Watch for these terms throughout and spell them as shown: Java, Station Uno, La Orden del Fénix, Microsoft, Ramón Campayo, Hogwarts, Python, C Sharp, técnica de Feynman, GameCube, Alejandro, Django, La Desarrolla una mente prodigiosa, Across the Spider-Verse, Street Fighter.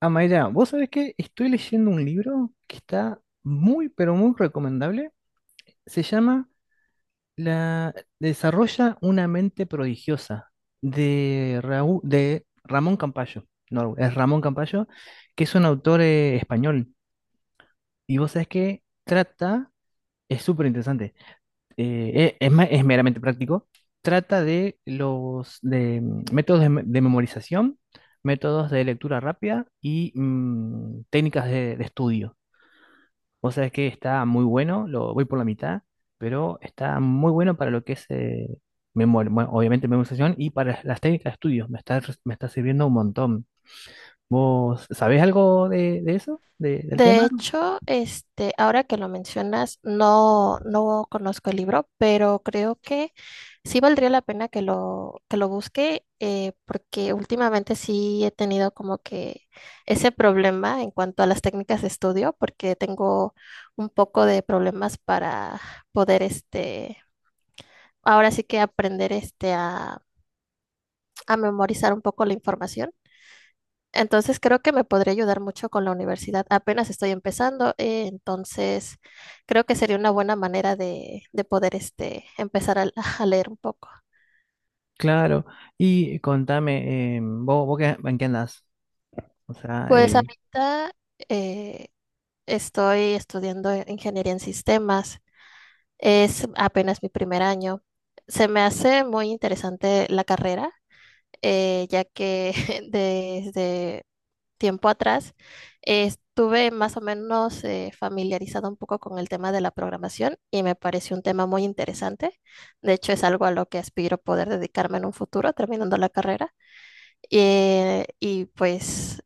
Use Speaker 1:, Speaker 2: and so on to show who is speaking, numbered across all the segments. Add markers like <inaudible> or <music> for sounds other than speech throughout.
Speaker 1: Ah, Mayra, vos sabés que estoy leyendo un libro que está muy, pero muy recomendable. Se llama La Desarrolla una mente prodigiosa de, de Ramón Campayo. No, es Ramón Campayo, que es un autor español. Y vos sabés que trata, es súper interesante, es meramente práctico, trata de los de, métodos de, de memorización, métodos de lectura rápida y técnicas de estudio. Vos sabés que está muy bueno, lo voy por la mitad, pero está muy bueno para lo que es memoria, bueno, obviamente memorización y para las técnicas de estudio. Me está, me está sirviendo un montón. ¿Vos sabés algo de eso? Del
Speaker 2: De
Speaker 1: tema?
Speaker 2: hecho, ahora que lo mencionas, no conozco el libro, pero creo que sí valdría la pena que lo busque, porque últimamente sí he tenido como que ese problema en cuanto a las técnicas de estudio, porque tengo un poco de problemas para poder, ahora sí que aprender, a memorizar un poco la información. Entonces creo que me podría ayudar mucho con la universidad. Apenas estoy empezando, entonces creo que sería una buena manera de poder empezar a, <laughs> a leer un poco.
Speaker 1: Claro. Y contame, ¿vos, en qué andás? O sea,
Speaker 2: Pues ahorita eh, estoy estudiando ingeniería en sistemas. Es apenas mi primer año. Se me hace muy interesante la carrera, ya que <laughs> desde tiempo atrás, estuve más o menos familiarizada un poco con el tema de la programación y me pareció un tema muy interesante. De hecho, es algo a lo que aspiro poder dedicarme en un futuro, terminando la carrera. Y pues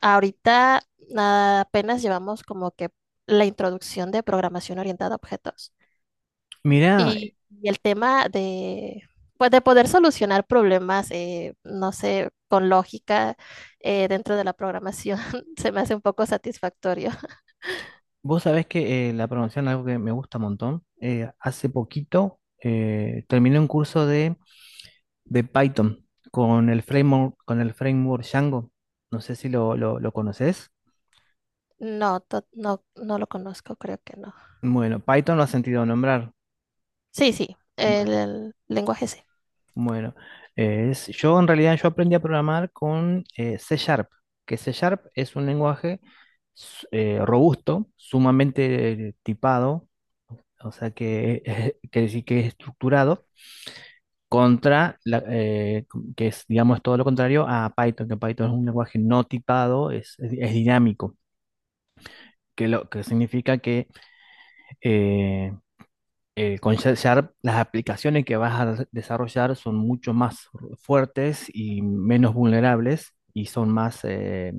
Speaker 2: ahorita apenas llevamos como que la introducción de programación orientada a objetos.
Speaker 1: mirá,
Speaker 2: Y, y el tema de, pues de poder solucionar problemas, no sé, con lógica dentro de la programación, <laughs> se me hace un poco satisfactorio. <laughs>
Speaker 1: vos sabés que la programación es algo que me gusta un montón. Hace poquito terminé un curso de Python con el framework Django. No sé si lo conoces.
Speaker 2: No, no, no lo conozco, creo que no.
Speaker 1: Bueno, Python lo has sentido nombrar.
Speaker 2: Sí, sí,
Speaker 1: Bueno,
Speaker 2: el lenguaje sí.
Speaker 1: bueno. Yo en realidad yo aprendí a programar con C Sharp, que C Sharp es un lenguaje robusto, sumamente tipado, o sea que <laughs> quiere decir que es estructurado, contra la, que es, digamos, todo lo contrario a Python, que Python es un lenguaje no tipado, es, es dinámico, que lo que significa eh, con Sharp, las aplicaciones que vas a desarrollar son mucho más fuertes y menos vulnerables y son más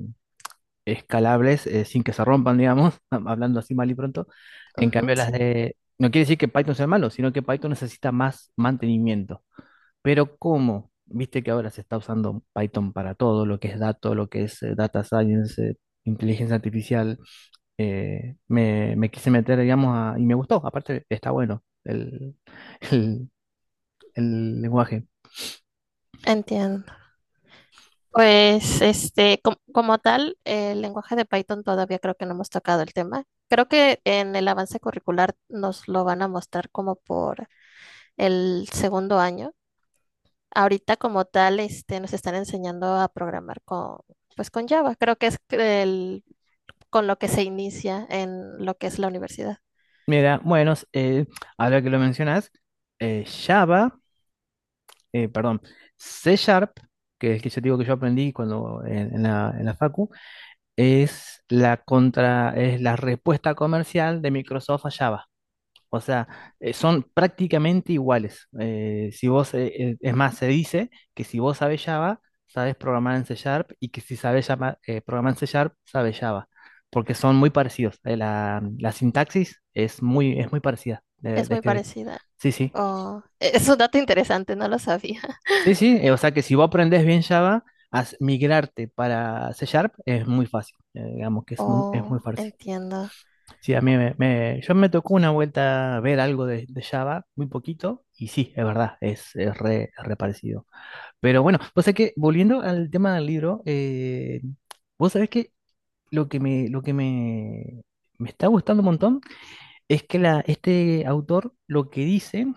Speaker 1: escalables sin que se rompan, digamos, <laughs> hablando así mal y pronto. En
Speaker 2: Ujú,
Speaker 1: cambio, las
Speaker 2: sí,
Speaker 1: de no quiere decir que Python sea malo, sino que Python necesita más mantenimiento. Pero ¿cómo? Viste que ahora se está usando Python para todo, lo que es datos, lo que es data science, inteligencia artificial me quise meter, digamos, y me gustó. Aparte, está bueno el, <laughs> el- el lenguaje.
Speaker 2: entiendo. Pues, como tal, el lenguaje de Python todavía creo que no hemos tocado el tema. Creo que en el avance curricular nos lo van a mostrar como por el segundo año. Ahorita como tal, nos están enseñando a programar con, pues con Java. Creo que es el- Con lo que se inicia en lo que es la universidad.
Speaker 1: Mira, bueno, ahora que lo mencionas, Java, perdón, C Sharp, que es que yo digo que yo aprendí cuando en la Facu, es la contra, es la respuesta comercial de Microsoft a Java. O sea, son prácticamente iguales. Si vos, es más, se dice que si vos sabes Java, sabes programar en C Sharp y que si sabes programar en C Sharp, sabes Java, porque son muy parecidos. La sintaxis es muy parecida
Speaker 2: Es
Speaker 1: de
Speaker 2: muy
Speaker 1: escribir.
Speaker 2: parecida.
Speaker 1: Sí, sí.
Speaker 2: Oh, es un dato interesante, no lo sabía.
Speaker 1: Sí, sí. O sea que si vos aprendés bien Java, migrarte para C Sharp es muy fácil. Digamos que es muy
Speaker 2: Oh,
Speaker 1: fácil.
Speaker 2: entiendo.
Speaker 1: Sí, a mí yo me tocó una vuelta ver algo de Java, muy poquito, y sí, es verdad, es, es re parecido. Pero bueno, vos sabés que, volviendo al tema del libro, vos sabés que lo que me, lo que me, me está gustando un montón es que la, este autor lo que dice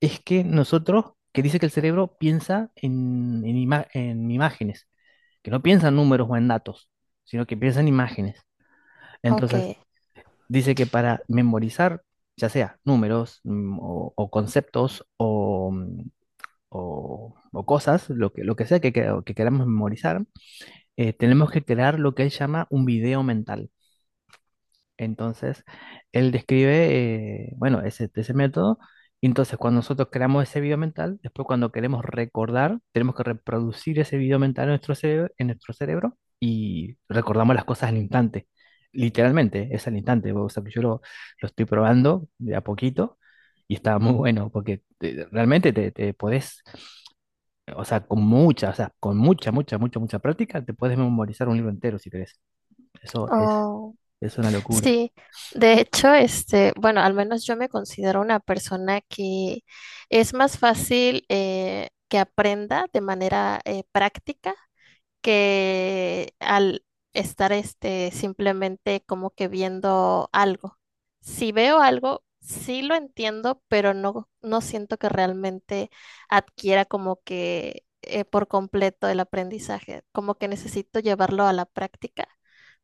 Speaker 1: es que nosotros, que dice que el cerebro piensa en imágenes, que no piensa en números o en datos, sino que piensa en imágenes.
Speaker 2: Ok.
Speaker 1: Entonces, dice que para memorizar, ya sea números o conceptos o, o cosas, lo que sea que, que queramos memorizar, tenemos que crear lo que él llama un video mental. Entonces, él describe, bueno, ese método. Y entonces, cuando nosotros creamos ese video mental, después cuando queremos recordar, tenemos que reproducir ese video mental en nuestro cerebro y recordamos las cosas al instante. Literalmente, es al instante. O sea, que yo lo estoy probando de a poquito y está muy bueno porque realmente te, te podés, o sea, con mucha, o sea, con mucha, mucha, mucha, mucha práctica, te puedes memorizar un libro entero si querés. Eso
Speaker 2: Oh,
Speaker 1: es una locura.
Speaker 2: sí. De hecho, bueno, al menos yo me considero una persona que es más fácil que aprenda de manera práctica que al estar simplemente como que viendo algo. Si veo algo, sí lo entiendo, pero no siento que realmente adquiera como que por completo el aprendizaje. Como que necesito llevarlo a la práctica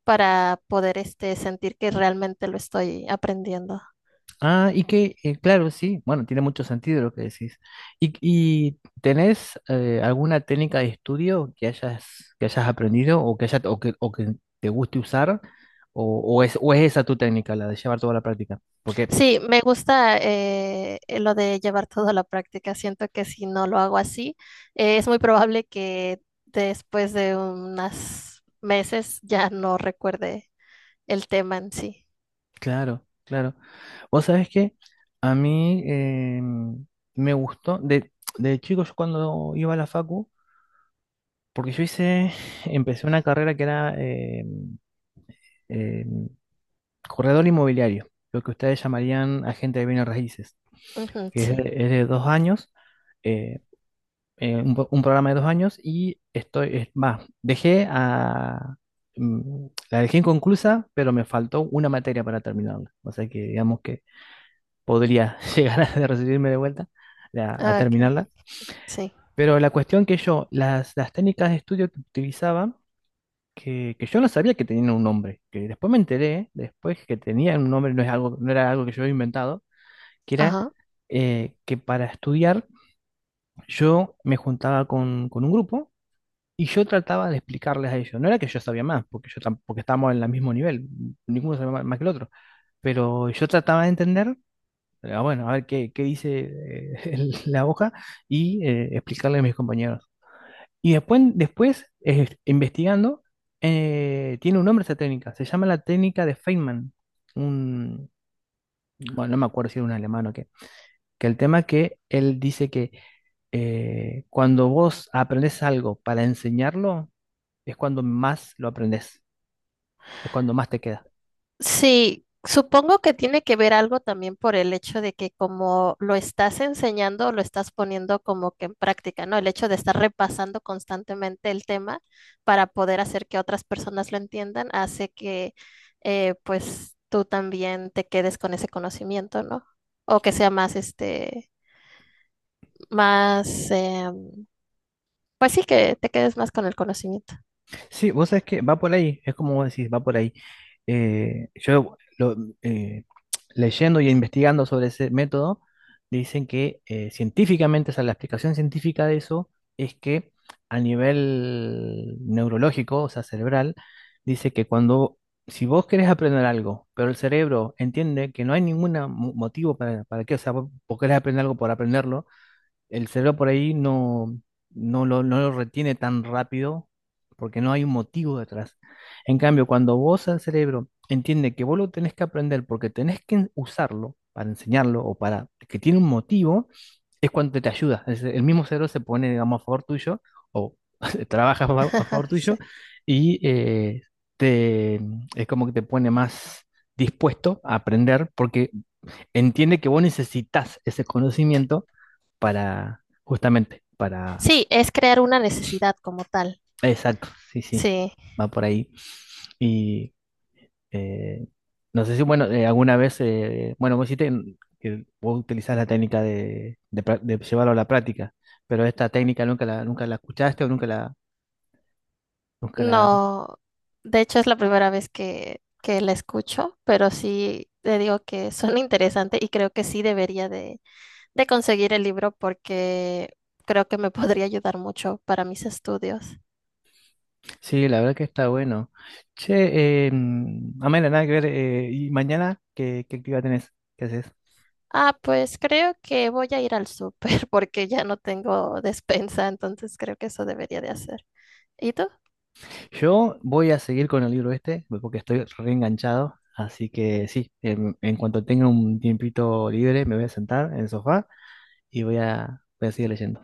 Speaker 2: para poder sentir que realmente lo estoy aprendiendo.
Speaker 1: Ah, y que, claro, sí, bueno, tiene mucho sentido lo que decís. Y tenés alguna técnica de estudio que hayas aprendido o que, o que, o que te guste usar? ¿O, o es, o es esa tu técnica, la de llevar toda la práctica? Porque,
Speaker 2: Sí, me gusta lo de llevar todo a la práctica. Siento que si no lo hago así, es muy probable que después de unos meses ya no recuerde el tema en sí.
Speaker 1: claro, claro. Vos sabés que a mí me gustó, de chico yo cuando iba a la facu, porque yo hice, <laughs> empecé una carrera que era corredor inmobiliario, lo que ustedes llamarían agente de bienes raíces,
Speaker 2: Ujú,
Speaker 1: que
Speaker 2: sí.
Speaker 1: es de 2 años, eh, un, un programa de 2 años y estoy, dejé a, la dejé inconclusa, pero me faltó una materia para terminarla, o sea que digamos que podría <laughs> llegar a recibirme de vuelta a
Speaker 2: Ah, Ok,
Speaker 1: terminarla,
Speaker 2: sí.
Speaker 1: pero la cuestión que yo, las técnicas de estudio que utilizaba, que yo no sabía que tenían un nombre, que después me enteré, después que tenían un nombre, no es algo, no era algo que yo había inventado, que era
Speaker 2: Ajá.
Speaker 1: que para estudiar yo me juntaba con un grupo y yo trataba de explicarles a ellos. No era que yo sabía más, porque yo porque estábamos en el mismo nivel, ninguno sabía más, más que el otro, pero yo trataba de entender, bueno, a ver qué, qué dice <laughs> la hoja y explicarle a mis compañeros. Y después, después investigando, tiene un nombre esa técnica, se llama la técnica de Feynman. Un, bueno, no me acuerdo si era un alemán o qué. Que el tema que él dice que cuando vos aprendes algo para enseñarlo, es cuando más lo aprendes, es cuando más te queda.
Speaker 2: Sí, supongo que tiene que ver algo también por el hecho de que como lo estás enseñando, lo estás poniendo como que en práctica, ¿no? El hecho de estar repasando constantemente el tema para poder hacer que otras personas lo entiendan hace que pues tú también te quedes con ese conocimiento, ¿no? O que sea más, más, pues sí, que te quedes más con el conocimiento.
Speaker 1: Sí, vos sabés que va por ahí, es como vos decís, va por ahí. Eh, yo lo- eh, Leyendo y investigando sobre ese método, dicen que científicamente, o sea, la explicación científica de eso es que a nivel neurológico, o sea, cerebral, dice que cuando, si vos querés aprender algo, pero el cerebro entiende que no hay ningún motivo para qué, o sea, vos querés aprender algo por aprenderlo, el cerebro por ahí no, no lo, no lo retiene tan rápido porque no hay un motivo detrás. En cambio, cuando vos al cerebro entiende que vos lo tenés que aprender porque tenés que usarlo para enseñarlo o para que tiene un motivo, es cuando te ayuda. El mismo cerebro se pone, digamos, a favor tuyo o <laughs> trabaja a a favor
Speaker 2: <laughs>
Speaker 1: tuyo
Speaker 2: Sí.
Speaker 1: y te, es como que te pone más dispuesto a aprender porque entiende que vos necesitas ese conocimiento para, justamente, para,
Speaker 2: Sí, es crear una necesidad como tal.
Speaker 1: exacto, sí, sí,
Speaker 2: Sí.
Speaker 1: va por ahí. Y eh, no sé si, bueno, alguna vez, bueno, vos hiciste que vos utilizás la técnica de, de llevarlo a la práctica, pero esta técnica nunca la, nunca la escuchaste o nunca la, nunca la,
Speaker 2: No, de hecho es la primera vez que la escucho, pero sí le digo que <laughs> suena interesante y creo que sí debería de conseguir el libro porque creo que me <laughs> podría ayudar mucho para mis estudios.
Speaker 1: sí, la verdad que está bueno. Che, Amela, nada que ver, y mañana, ¿qué, qué actividad tenés? ¿Qué haces?
Speaker 2: Ah, pues creo que voy a ir al súper <laughs> porque ya no tengo despensa, entonces creo que eso debería de hacer. ¿Y tú?
Speaker 1: Yo voy a seguir con el libro este porque estoy reenganchado, así que sí, cuanto tenga un tiempito libre me voy a sentar en el sofá y voy a, voy a seguir leyendo.